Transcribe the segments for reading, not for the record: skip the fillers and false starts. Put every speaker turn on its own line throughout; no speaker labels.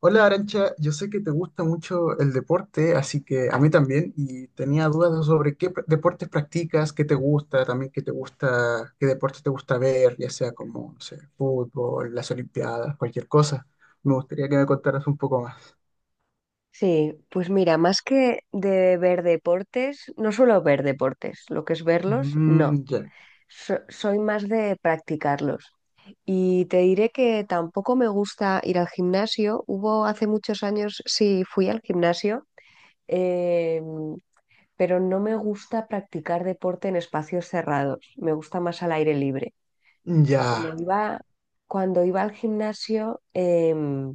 Hola Arancha, yo sé que te gusta mucho el deporte, así que a mí también, y tenía dudas sobre deportes practicas, qué te gusta, también qué te gusta, qué deportes te gusta ver, ya sea como, no sé, fútbol, las olimpiadas, cualquier cosa. Me gustaría que me contaras un poco más.
Sí, pues mira, más que de ver deportes, no suelo ver deportes, lo que es verlos, no.
Mm, ya,
Soy más de practicarlos. Y te diré que tampoco me gusta ir al gimnasio. Hubo hace muchos años, sí, fui al gimnasio, eh, pero no me gusta practicar deporte en espacios cerrados. Me gusta más al aire libre.
ya,
Cuando iba, Cuando iba al gimnasio,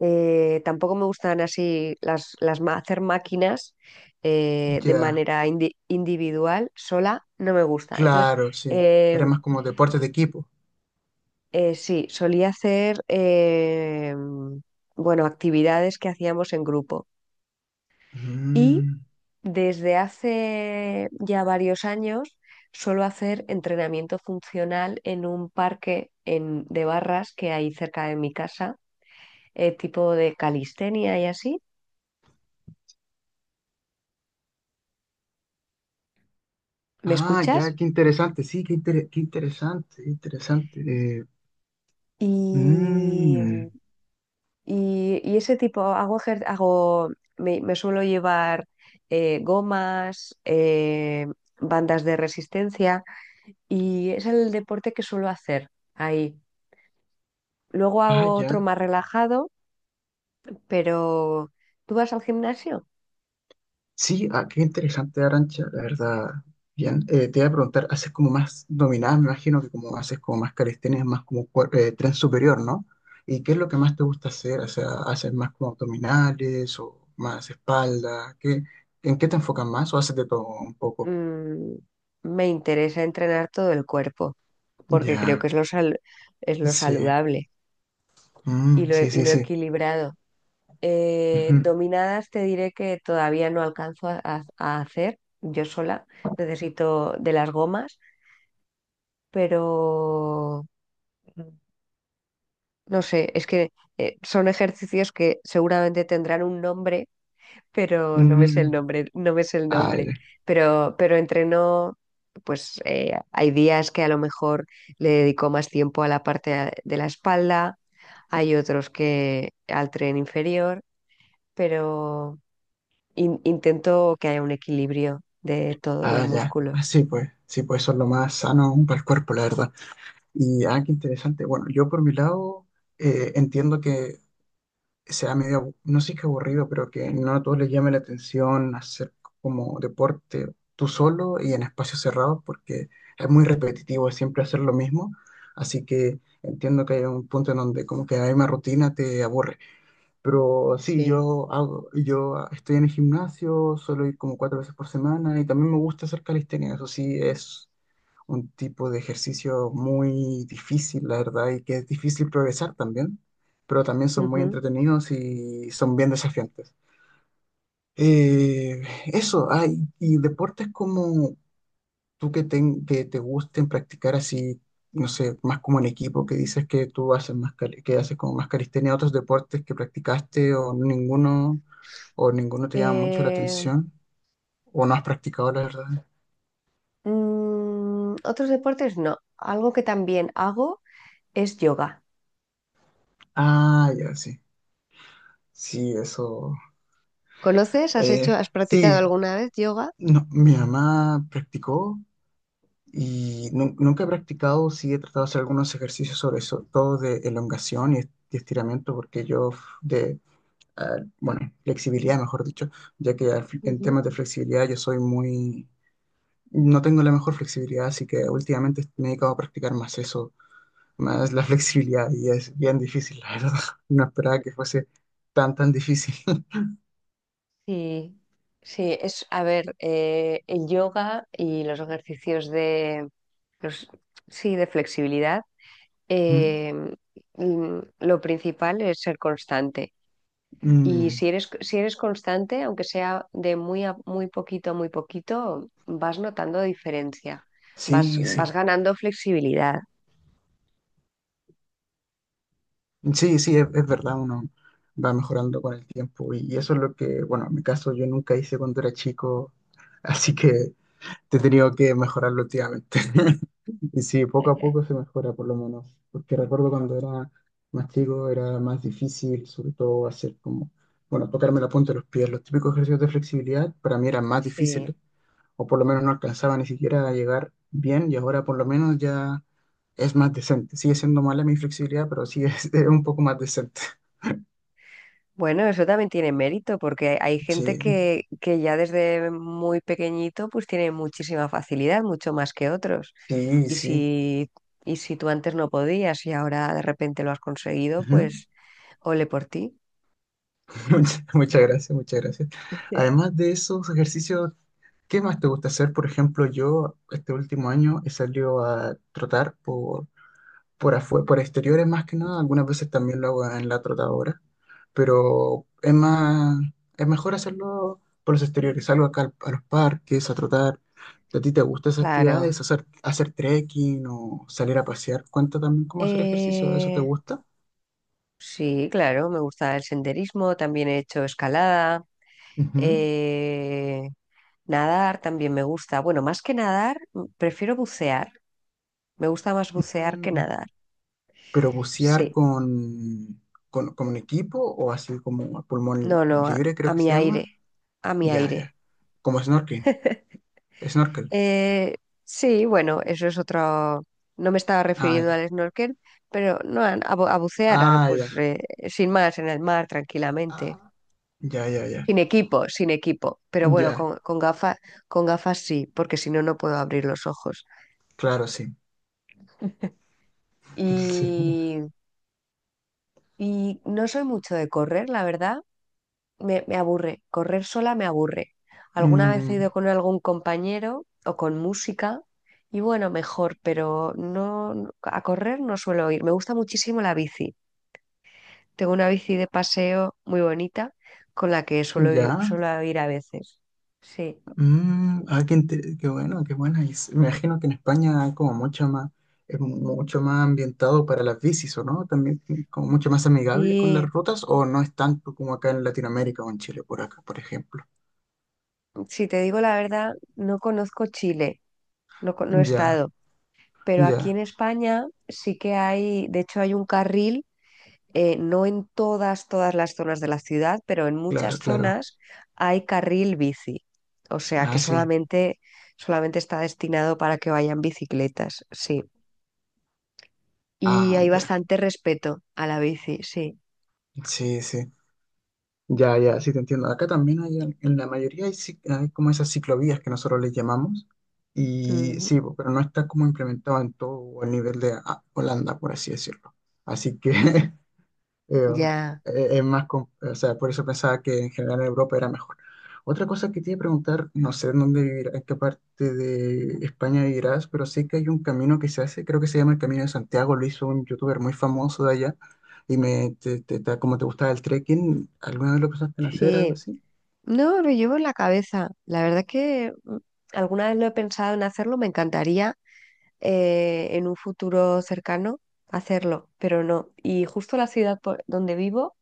Tampoco me gustan así hacer máquinas de
ya,
manera individual, sola, no me gusta. Entonces,
claro, sí.
eh,
Era más como deportes de equipo.
sí, solía hacer, bueno, actividades que hacíamos en grupo. Y
Mm,
desde hace ya varios años suelo hacer entrenamiento funcional en un parque de barras que hay cerca de mi casa, tipo de calistenia y así. ¿Me
Ah, ya,
escuchas?
qué interesante, sí, qué interesante, qué interesante. Eh,
Y,
mm,
y ese tipo, hago, me suelo llevar gomas, bandas de resistencia y es el deporte que suelo hacer ahí. Luego
Ah,
hago otro
ya.
más relajado, pero ¿tú vas al gimnasio?
Sí, ah, qué interesante, Arancha, la verdad. Bien, te voy a preguntar, haces como más dominada, me imagino que como haces como más calistenia, más como tren superior, ¿no? ¿Y qué es lo que más te gusta hacer? O sea, ¿haces más como abdominales o más espalda? ¿Qué, en qué te enfocas más o haces de todo un poco?
Mm, me interesa entrenar todo el cuerpo porque creo
Ya,
que es es lo
sí,
saludable y
Mm,
lo,
sí,
y
sí,
lo
sí.
equilibrado.
Ujú.
Dominadas te diré que todavía no alcanzo a hacer yo sola. Necesito de las gomas, pero no sé, es que son ejercicios que seguramente tendrán un nombre, pero no me sé
Mm,
el nombre, no me sé el
ah,
nombre.
ya.
Pero entreno, pues hay días que a lo mejor le dedico más tiempo a la parte de la espalda, hay otros que al tren inferior, pero intento que haya un equilibrio de todos los
Ah, ya.
músculos.
Así pues, sí, pues eso es lo más sano aún para el cuerpo, la verdad. Y, ah, qué interesante. Bueno, yo por mi lado entiendo que sea medio, no sé qué aburrido, pero que no a todos les llame la atención hacer como deporte tú solo y en espacios cerrados, porque es muy repetitivo, es siempre hacer lo mismo. Así que entiendo que hay un punto en donde como que hay una rutina te aburre. Pero sí,
Sí.
yo estoy en el gimnasio, suelo ir como cuatro veces por semana y también me gusta hacer calistenia. Eso sí, es un tipo de ejercicio muy difícil, la verdad, y que es difícil progresar también, pero también son muy
Ujú.
entretenidos y son bien desafiantes. Y deportes como tú que que te gusten practicar así, no sé, más como en equipo, que dices que tú haces más, que haces como más calistenia, otros deportes que practicaste o ninguno te llama mucho la
Eh,
atención, o no has practicado, la verdad.
otros deportes no. Algo que también hago es yoga.
Ah, ya, sí. Sí, eso.
¿Conoces? ¿Has hecho,
eh,
has practicado
sí,
alguna vez yoga?
No, mi mamá practicó y nunca he practicado, sí he tratado de hacer algunos ejercicios sobre eso, todo de elongación y, y estiramiento, porque yo f- de, ah, bueno, flexibilidad, mejor dicho, ya que en temas
Ujú.
de flexibilidad yo soy muy, no tengo la mejor flexibilidad, así que últimamente me he dedicado a practicar más eso, más la flexibilidad y es bien difícil, la verdad. No esperaba que fuese tan, tan difícil.
Sí, sí, es, a ver, el yoga y los ejercicios de, los, sí, de flexibilidad, eh, lo principal es ser constante. Y
Mm,
si eres constante, aunque sea de muy a muy poquito, vas notando diferencia, vas,
sí,
vas
sí.
ganando flexibilidad.
Sí, sí, es verdad, uno va mejorando con el tiempo y eso es lo que, bueno, en mi caso yo nunca hice cuando era chico, así que he tenido que mejorarlo últimamente. Y sí, poco a poco se mejora por lo menos, porque recuerdo cuando era más chico era más difícil, sobre todo hacer como, bueno, tocarme la punta de los pies, los típicos ejercicios de flexibilidad para mí eran más
Sí.
difíciles o por lo menos no alcanzaba ni siquiera a llegar bien y ahora por lo menos ya es más decente. Sigue siendo mala mi flexibilidad, pero sí es, es un poco más decente.
Bueno, eso también tiene mérito, porque hay
Sí,
gente que ya desde muy pequeñito pues tiene muchísima facilidad, mucho más que otros.
sí,
Y
sí.
si, y si tú antes no podías y ahora de repente lo has conseguido,
Ujú.
pues ole por ti.
Muchas gracias, muchas gracias. Además de esos ejercicios, ¿qué más te gusta hacer? Por ejemplo, yo este último año he salido a trotar por afuera, por exteriores más que nada, algunas veces también lo hago en la trotadora, pero es mejor hacerlo por los exteriores, salgo acá a los parques a trotar. ¿A ti te gustan esas
Claro.
actividades? ¿Hacer, hacer trekking o salir a pasear? ¿Cuenta también cómo hacer ejercicio? ¿Eso te
Eh,
gusta?
Sí, claro, me gusta el senderismo, también he hecho escalada,
Ujú.
eh, nadar también me gusta. Bueno, más que nadar, prefiero bucear. Me gusta más bucear que
Mm,
nadar.
¿Pero bucear
Sí,
con un equipo o así como a pulmón
no, no, a,
libre, creo
a
que
mi
se
aire,
llama?
a mi
Ya,
aire.
ya. Como snorkeling. Snorkel.
Eh, sí, bueno, eso es otro. No me estaba
Ah,
refiriendo
ya.
al snorkel, pero no, a bucear,
Ah, ya.
pues sin más, en el mar, tranquilamente.
Ah. Ya, ya, ya.
Sin equipo, sin equipo. Pero bueno,
Ya,
con gafas, con gafas sí, porque si no, no puedo abrir los ojos.
claro, sí. Sí.
Y, y no soy mucho de correr, la verdad. Me aburre. Correr sola me aburre. Alguna vez he
Mm,
ido con algún compañero o con música. Y bueno, mejor, pero no a correr no suelo ir. Me gusta muchísimo la bici. Tengo una bici de paseo muy bonita con la que
ya.
suelo ir a veces. Sí.
Mm, ah, qué, qué bueno, qué buena. Y me imagino que en España hay como mucha más, es mucho más ambientado para las bicis, ¿o no? También como mucho más amigable con las
Y
rutas, o no es tanto como acá en Latinoamérica o en Chile, por acá, por ejemplo.
si te digo la verdad, no conozco Chile, no, no he
Ya,
estado, pero aquí
ya,
en España sí que hay, de hecho hay un carril, no en todas las zonas de la ciudad, pero en muchas
claro, claro.
zonas hay carril bici, o sea que
Ah, sí.
solamente, solamente está destinado para que vayan bicicletas, sí. Y
Ah,
hay
ya.
bastante respeto a la bici, sí.
Sí, sí. Ya, ya, sí te entiendo. Acá también hay, en la mayoría hay, hay como esas ciclovías que nosotros les llamamos. Y
Mm,
sí, po, pero no está como implementado en todo el nivel de ah, Holanda, por así decirlo. Así que eh,
ya,
es más, o sea, por eso pensaba que en general en Europa era mejor. Otra cosa que te iba a preguntar, no sé en en qué parte de España vivirás, pero sí que hay un camino que se hace, creo que se llama el Camino de Santiago, lo hizo un youtuber muy famoso de allá, y me, te- te- te- como te gustaba el trekking, ¿alguna vez lo pensaste en hacer, algo
sí.
así?
No, lo llevo en la cabeza. La verdad que alguna vez lo he pensado en hacerlo, me encantaría en un futuro cercano hacerlo, pero no. Y justo la ciudad por donde vivo,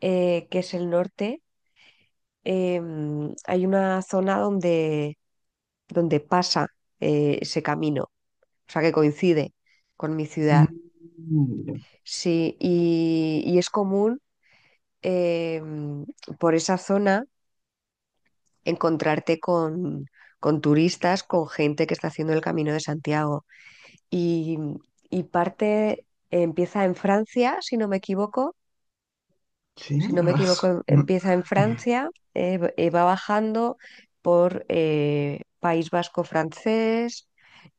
que es el norte, eh, hay una zona donde, donde pasa ese camino, o sea que coincide con mi
Mm,
ciudad.
ya.
Sí, y es común eh, por esa zona encontrarte con turistas, con gente que está haciendo el Camino de Santiago. Y, y parte, empieza en Francia, si no me equivoco,
Sí,
si no me
ah,
equivoco,
no.
empieza en Francia, va bajando por País Vasco francés,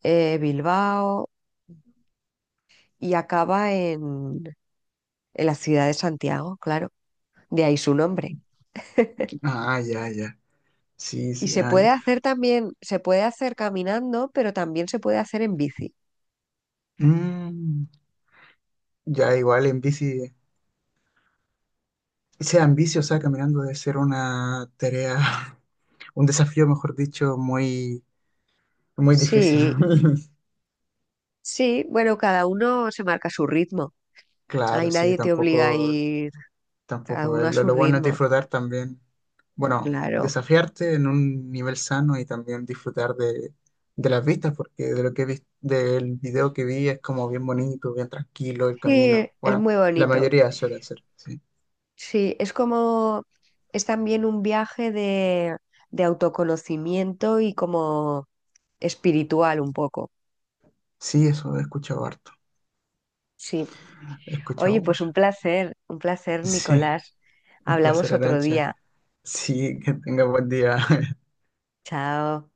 Bilbao y acaba en la ciudad de Santiago, claro, de ahí su nombre.
Ah, ya, ya, sí,
Y
sí,
se
ah,
puede
ya.
hacer también, se puede hacer caminando, pero también se puede hacer en bici.
Mm, ya, igual en bici, ese caminando debe ser una tarea, un desafío, mejor dicho, muy, muy difícil.
Sí, sí, bueno, cada uno se marca su ritmo. Ahí
Claro, sí,
nadie te obliga a
tampoco,
ir, cada
tampoco.
uno a su
Lo bueno es
ritmo,
disfrutar también, bueno,
claro.
desafiarte en un nivel sano y también disfrutar de las vistas, porque de lo que vi, del video que vi es como bien bonito, bien tranquilo el
Sí,
camino.
es
Bueno,
muy
la
bonito.
mayoría suele ser, sí.
Sí, es como, es también un viaje de autoconocimiento y como espiritual un poco.
Sí, eso he escuchado harto,
Sí.
he escuchado
Oye, pues
mucho.
un placer,
Sí,
Nicolás.
un
Hablamos
placer,
otro
Arancha.
día.
Sí, que tenga buen día.
Chao.